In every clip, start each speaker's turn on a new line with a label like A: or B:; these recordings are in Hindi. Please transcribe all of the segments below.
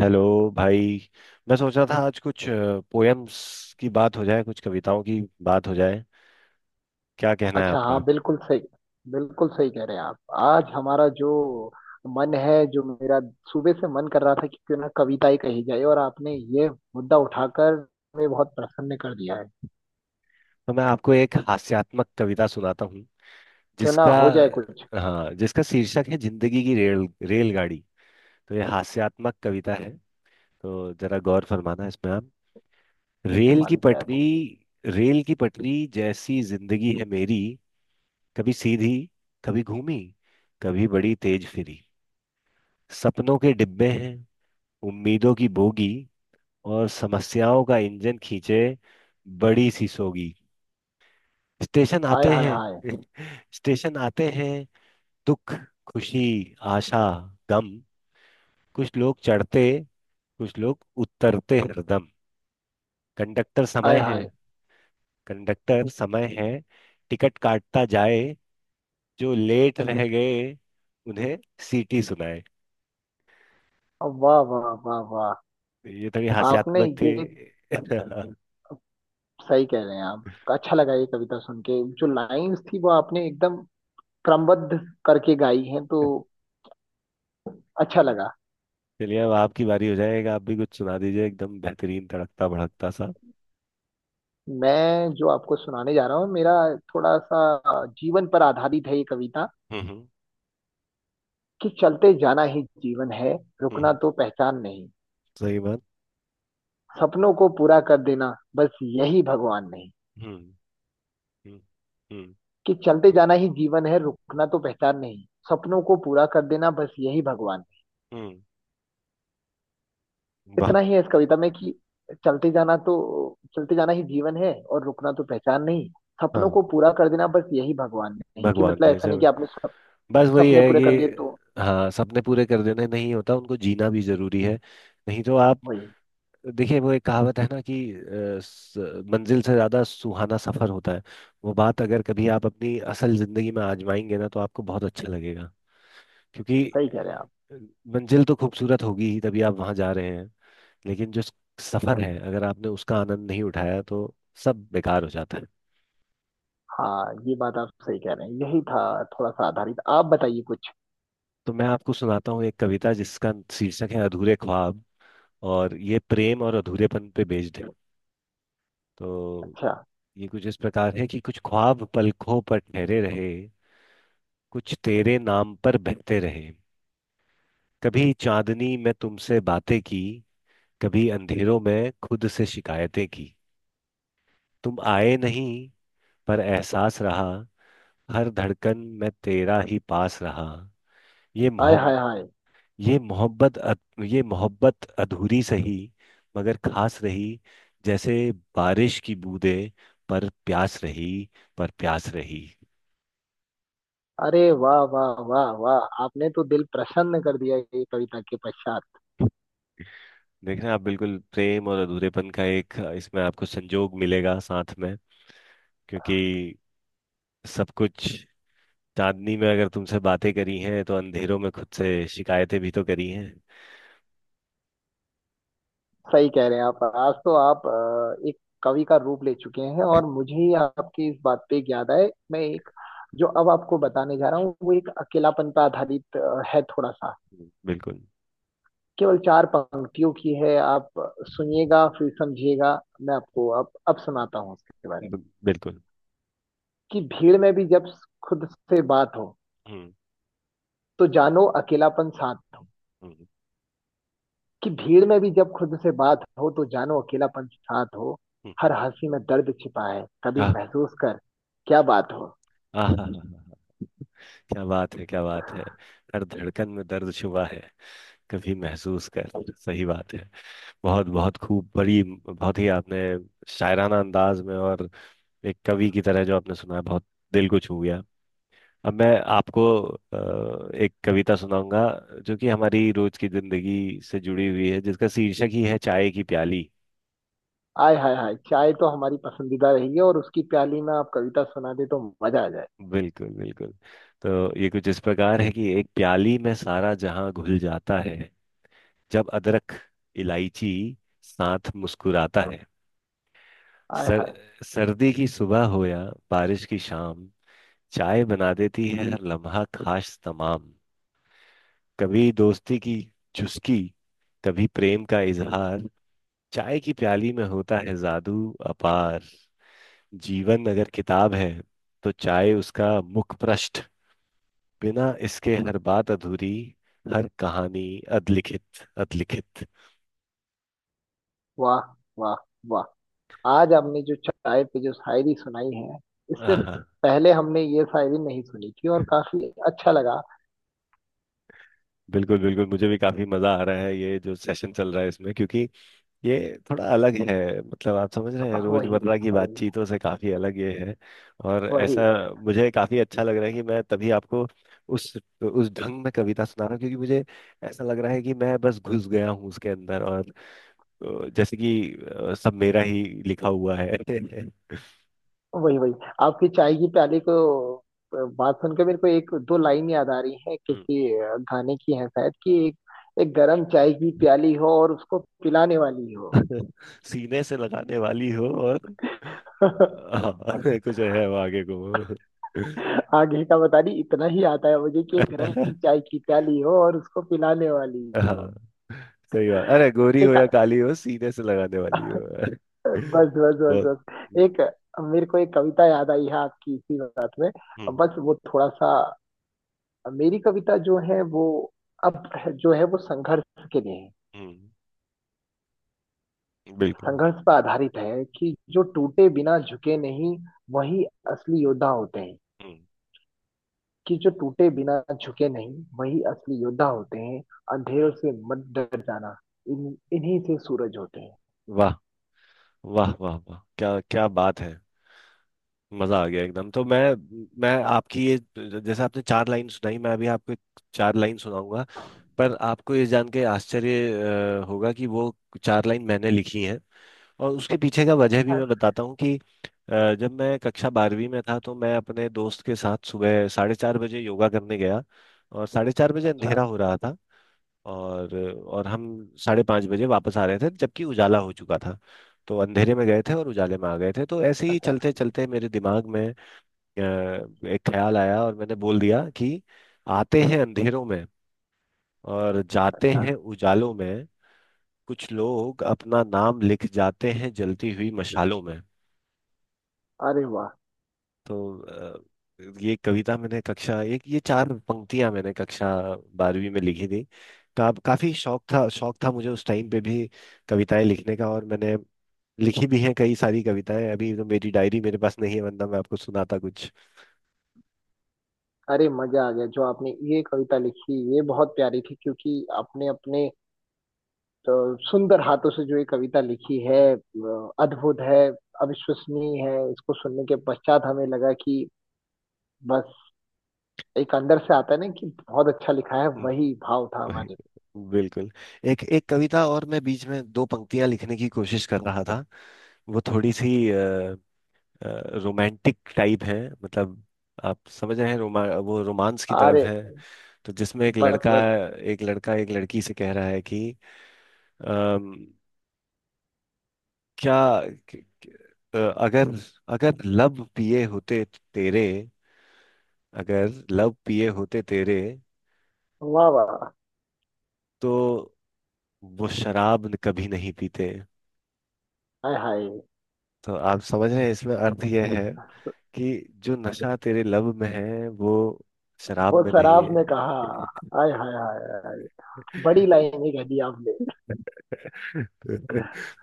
A: हेलो भाई। मैं सोच रहा था आज कुछ पोएम्स की बात हो जाए, कुछ कविताओं की बात हो जाए। क्या कहना है
B: अच्छा,
A: आपका?
B: हाँ, बिल्कुल सही कह रहे हैं आप। आज हमारा जो मन है, जो मेरा सुबह से मन कर रहा था कि क्यों ना कविताएं कही जाए, और आपने ये मुद्दा उठाकर मुझे बहुत प्रसन्न कर दिया है।
A: तो मैं आपको एक हास्यात्मक कविता सुनाता हूँ
B: क्यों ना
A: जिसका
B: हो जाए कुछ।
A: हाँ, जिसका शीर्षक है जिंदगी की रेल रेलगाड़ी। तो ये हास्यात्मक कविता है, तो जरा गौर फरमाना इसमें आप। रेल की
B: मालिक है
A: पटरी।
B: वो।
A: रेल की पटरी जैसी जिंदगी है मेरी। कभी सीधी, कभी घूमी, कभी बड़ी तेज फिरी। सपनों के डिब्बे हैं, उम्मीदों की बोगी, और समस्याओं का इंजन खींचे बड़ी सीसोगी। स्टेशन
B: आय
A: आते
B: हाय हाय।
A: हैं स्टेशन आते हैं दुख, खुशी, आशा, गम। कुछ लोग चढ़ते, कुछ लोग उतरते हरदम। कंडक्टर समय
B: आय
A: है,
B: हाय।
A: कंडक्टर समय है, टिकट काटता जाए। जो लेट रह गए उन्हें सीटी सुनाए।
B: वाह वाह वाह वाह,
A: ये थोड़ी
B: आपने
A: हास्यात्मक थी।
B: ये सही कह रहे हैं आप। अच्छा लगा ये कविता सुन के। जो लाइंस थी वो आपने एकदम क्रमबद्ध करके गाई हैं, तो अच्छा लगा।
A: चलिए, अब आपकी बारी हो जाएगा, आप भी कुछ सुना दीजिए एकदम बेहतरीन तड़कता भड़कता सा।
B: मैं जो आपको सुनाने जा रहा हूँ, मेरा थोड़ा सा जीवन पर आधारित है ये कविता।
A: हम्म, हम्म।
B: कि चलते जाना ही जीवन है, रुकना
A: हम्म।
B: तो पहचान नहीं।
A: सही बात।
B: सपनों को पूरा कर देना बस, यही भगवान नहीं।
A: हम्म, हम्म, हम्म।
B: कि चलते जाना ही जीवन है, रुकना तो पहचान नहीं। सपनों को पूरा कर देना बस, यही भगवान नहीं।
A: हम्म, वाह।
B: इतना ही है इस कविता में कि चलते जाना तो चलते जाना ही जीवन है, और रुकना तो पहचान नहीं। सपनों
A: हाँ,
B: को पूरा कर देना बस, यही भगवान नहीं। कि
A: भगवान
B: मतलब
A: ने
B: ऐसा
A: इसे
B: नहीं कि आपने
A: बस वही
B: सपने
A: है
B: पूरे
A: कि।
B: कर लिए तो।
A: हाँ, सपने पूरे कर देने नहीं होता, उनको जीना भी जरूरी है, नहीं तो आप
B: वही।
A: देखिए, वो एक कहावत है ना कि मंजिल से ज्यादा सुहाना सफर होता है। वो बात अगर कभी आप अपनी असल जिंदगी में आजमाएंगे ना, तो आपको बहुत अच्छा लगेगा। क्योंकि
B: सही कह रहे हैं आप।
A: अ, मंजिल तो खूबसूरत होगी ही, तभी आप वहां जा रहे हैं। लेकिन जो सफर है, अगर आपने उसका आनंद नहीं उठाया तो सब बेकार हो जाता है।
B: हाँ, ये बात आप सही कह रहे हैं, यही था थोड़ा सा आधारित। आप बताइए कुछ।
A: तो मैं आपको सुनाता हूँ एक कविता जिसका शीर्षक है अधूरे ख्वाब, और ये प्रेम और अधूरेपन पे बेस्ड है। तो
B: अच्छा।
A: ये कुछ इस प्रकार है कि कुछ ख्वाब पलकों पर ठहरे रहे, कुछ तेरे नाम पर बहते रहे। कभी चांदनी में तुमसे बातें की, कभी अंधेरों में खुद से शिकायतें की। तुम आए नहीं पर एहसास रहा, हर धड़कन में तेरा ही पास रहा। ये
B: आय
A: मोहब्बत
B: हाय हाय।
A: ये मोहब्बत अधूरी सही, मगर खास रही। जैसे बारिश की बूंदें, पर प्यास रही, पर प्यास रही।
B: अरे वाह वाह वाह वाह, आपने तो दिल प्रसन्न कर दिया ये कविता के पश्चात।
A: देख रहे हैं आप, बिल्कुल प्रेम और अधूरेपन का एक इसमें आपको संजोग मिलेगा साथ में। क्योंकि सब कुछ, चांदनी में अगर तुमसे बातें करी हैं तो अंधेरों में खुद से शिकायतें भी तो करी हैं।
B: सही कह रहे हैं आप। आज तो आप एक कवि का रूप ले चुके हैं, और मुझे ही आपकी इस बात पे एक याद आए। मैं एक जो अब आपको बताने जा रहा हूँ, वो एक अकेलापन पर आधारित है, थोड़ा सा।
A: बिल्कुल।
B: केवल चार पंक्तियों की है। आप सुनिएगा, फिर समझिएगा। मैं आपको अब सुनाता हूँ उसके बारे में।
A: बिल्कुल।
B: कि भीड़ में भी जब खुद से बात हो,
A: हम्म।
B: तो जानो अकेलापन साथ हो।
A: हम्म।
B: कि भीड़ में भी जब खुद से बात हो, तो जानो अकेलापन साथ हो।
A: हम्म।
B: हर हंसी में दर्द छिपा है, कभी
A: आह।
B: महसूस कर क्या बात हो।
A: आह, आह। आह, क्या बात है! क्या बात है! हर धड़कन में दर्द छुपा है, कभी महसूस कर। सही बात है। बहुत बहुत खूब। बड़ी बहुत ही आपने शायराना अंदाज में और एक कवि की तरह जो आपने सुनाया, बहुत दिल को छू गया। अब मैं आपको एक कविता सुनाऊंगा जो कि हमारी रोज की जिंदगी से जुड़ी हुई है, जिसका शीर्षक ही है चाय की प्याली।
B: आय हाय हाय। चाय तो हमारी पसंदीदा रही है, और उसकी प्याली में आप कविता सुना दे तो मजा आ जाए।
A: बिल्कुल, बिल्कुल। तो ये कुछ इस प्रकार है कि एक प्याली में सारा जहां घुल जाता है, जब अदरक, इलायची साथ मुस्कुराता है।
B: आय
A: सर,
B: हाय।
A: सर्दी की सुबह हो या बारिश की शाम, चाय बना देती है हर लम्हा खास तमाम। कभी दोस्ती की चुस्की, कभी प्रेम का इजहार। चाय की प्याली में होता है जादू अपार। जीवन अगर किताब है तो चाय उसका मुख पृष्ठ। बिना इसके हर बात अधूरी, हर कहानी अधलिखित, अधलिखित।
B: वाह वाह वाह। आज आपने जो चाय पे जो शायरी सुनाई है, इससे
A: आहा।
B: पहले हमने ये शायरी नहीं सुनी थी, और काफी अच्छा लगा।
A: बिल्कुल, बिल्कुल, मुझे भी काफी मजा आ रहा है ये जो सेशन चल रहा है इसमें, क्योंकि ये थोड़ा अलग है। मतलब आप समझ रहे हैं,
B: वही
A: रोजमर्रा की
B: वही
A: बातचीतों से काफी अलग ये है। और ऐसा
B: वही
A: मुझे काफी अच्छा लग रहा है कि मैं तभी आपको उस उस ढंग में कविता सुना रहा हूँ, क्योंकि मुझे ऐसा लग रहा है कि मैं बस घुस गया हूँ उसके अंदर, और जैसे कि सब मेरा ही लिखा हुआ है।
B: वही वही आपकी चाय की प्याली को बात सुनकर मेरे को एक दो लाइन याद आ रही है
A: हम्म।
B: किसी गाने की है शायद। कि एक, एक गरम चाय की प्याली हो और उसको पिलाने वाली हो।
A: सीने से लगाने वाली हो और हाँ कुछ है वो आगे को।
B: आगे का बता नहीं, इतना ही आता है मुझे कि एक गरम चाय की प्याली हो और उसको पिलाने वाली हो।
A: हाँ, सही बात, अरे गोरी हो
B: एक
A: या काली हो सीने से लगाने वाली हो
B: बस बस बस
A: बहुत।
B: बस एक मेरे को एक कविता याद आई है आपकी इसी बात में।
A: हम्म,
B: बस वो थोड़ा सा, मेरी कविता जो है वो, अब जो है वो संघर्ष के लिए है।
A: हम्म। बिल्कुल।
B: संघर्ष पर आधारित है, कि जो टूटे बिना झुके नहीं, वही असली योद्धा होते हैं।
A: हम्म।
B: कि जो टूटे बिना झुके नहीं, वही असली योद्धा होते हैं। अंधेरों से मत डर जाना, इन इन्हीं से सूरज होते हैं।
A: वाह, वाह, वाह, वाह! क्या, क्या बात है! मजा आ गया एकदम। तो मैं आपकी ये, जैसे आपने चार लाइन सुनाई, मैं अभी आपको एक चार लाइन सुनाऊंगा। पर आपको ये जान के आश्चर्य होगा कि वो चार लाइन मैंने लिखी हैं। और उसके पीछे का वजह भी
B: अरे।
A: मैं बताता हूँ कि जब मैं कक्षा बारहवीं में था, तो मैं अपने दोस्त के साथ सुबह 4:30 बजे योगा करने गया, और 4:30 बजे
B: अच्छा,
A: अंधेरा हो रहा था। और और हम 5:30 बजे वापस आ रहे थे, जबकि उजाला हो चुका था। तो अंधेरे में गए थे और उजाले में आ गए थे, तो ऐसे ही
B: अच्छा,
A: चलते चलते मेरे दिमाग में एक ख्याल आया और मैंने बोल दिया कि आते हैं अंधेरों में और जाते
B: अच्छा।
A: हैं उजालों में, कुछ लोग अपना नाम लिख जाते हैं जलती हुई मशालों में।
B: अरे वाह।
A: तो ये कविता मैंने कक्षा एक ये चार पंक्तियां मैंने कक्षा 12वीं में लिखी थी। काफी शौक था, शौक था मुझे उस टाइम पे भी कविताएं लिखने का, और मैंने लिखी भी हैं कई सारी कविताएं। अभी तो मेरी डायरी मेरे पास नहीं है, वरना मैं आपको सुनाता कुछ।
B: अरे मजा आ गया, जो आपने ये कविता लिखी ये बहुत प्यारी थी। क्योंकि आपने अपने अ, सुंदर हाथों से जो ये कविता लिखी है, अद्भुत है, अविश्वसनीय है। इसको सुनने के पश्चात हमें लगा कि बस एक अंदर से आता है ना कि बहुत अच्छा लिखा है।
A: हम्म,
B: वही भाव था
A: वही,
B: हमारे।
A: बिल्कुल। एक एक कविता और मैं बीच में दो पंक्तियां लिखने की कोशिश कर रहा था। वो थोड़ी सी रोमांटिक टाइप है, मतलब आप समझ रहे हैं, रोमा वो रोमांस की तरफ
B: अरे।
A: है। तो जिसमें एक
B: बस
A: लड़का
B: बस।
A: एक लड़की से कह रहा है कि अम, क्या क- क- अ, अगर अगर लब पिए होते तेरे। अगर लब पिए होते तेरे,
B: वाह वाह।
A: तो वो शराब कभी नहीं पीते।
B: हाय हाय।
A: तो आप समझ रहे हैं, इसमें अर्थ यह है कि जो नशा तेरे लब में है वो शराब
B: वो
A: में नहीं
B: शराब
A: है।
B: ने कहा। हाय हाय हाय हाय, बड़ी लाइन ही कह दी आपने।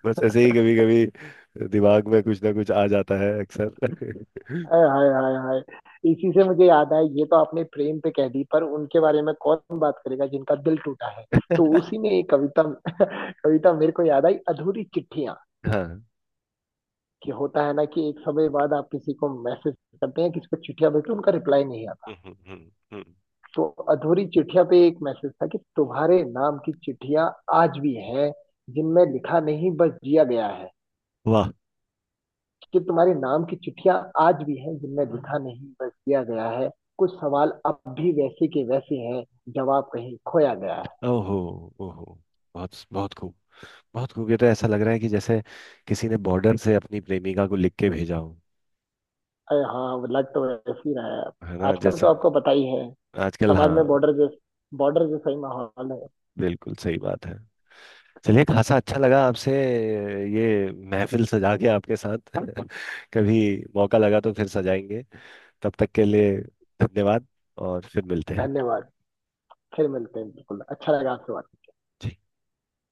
A: बस ऐसे ही कभी कभी दिमाग में कुछ ना कुछ आ जाता है अक्सर।
B: हाय हाय हाय हाय। इसी से मुझे याद आया, ये तो आपने प्रेम पे कह दी, पर उनके बारे में कौन बात करेगा जिनका दिल टूटा है। तो उसी में एक कविता कविता मेरे को याद आई, अधूरी चिट्ठियां।
A: हाँ।
B: कि होता है ना कि एक समय बाद आप किसी को मैसेज करते हैं, किसी को चिट्ठियां भेजते हैं, उनका रिप्लाई नहीं।
A: हम्म, हम्म, हम्म।
B: तो अधूरी चिट्ठिया पे एक मैसेज था कि तुम्हारे नाम की चिट्ठियां आज भी हैं, जिनमें लिखा नहीं बस जिया गया है।
A: वाह।
B: कि तुम्हारे नाम की चिट्ठियां आज भी हैं, जिनमें लिखा नहीं बस जिया गया है। कुछ सवाल अब भी वैसे के वैसे हैं, जवाब कहीं खोया गया है।
A: ओहो, ओहो। बहुत बहुत खूब, बहुत खूब। ये तो ऐसा लग रहा है कि जैसे किसी ने बॉर्डर से अपनी प्रेमिका को लिख के भेजा हो।
B: अरे हाँ, लग तो वैसे ही रहा है।
A: है ना
B: आजकल
A: जैसे।
B: तो आपको पता ही है,
A: आजकल,
B: समाज में
A: हाँ।
B: बॉर्डर जैसा ही माहौल है।
A: बिल्कुल सही बात है। चलिए, खासा अच्छा लगा आपसे ये महफिल सजा के आपके साथ कभी मौका लगा तो फिर सजाएंगे। तब तक के लिए, धन्यवाद और फिर मिलते हैं।
B: धन्यवाद। फिर मिलते हैं, बिल्कुल अच्छा लगा आपसे बात।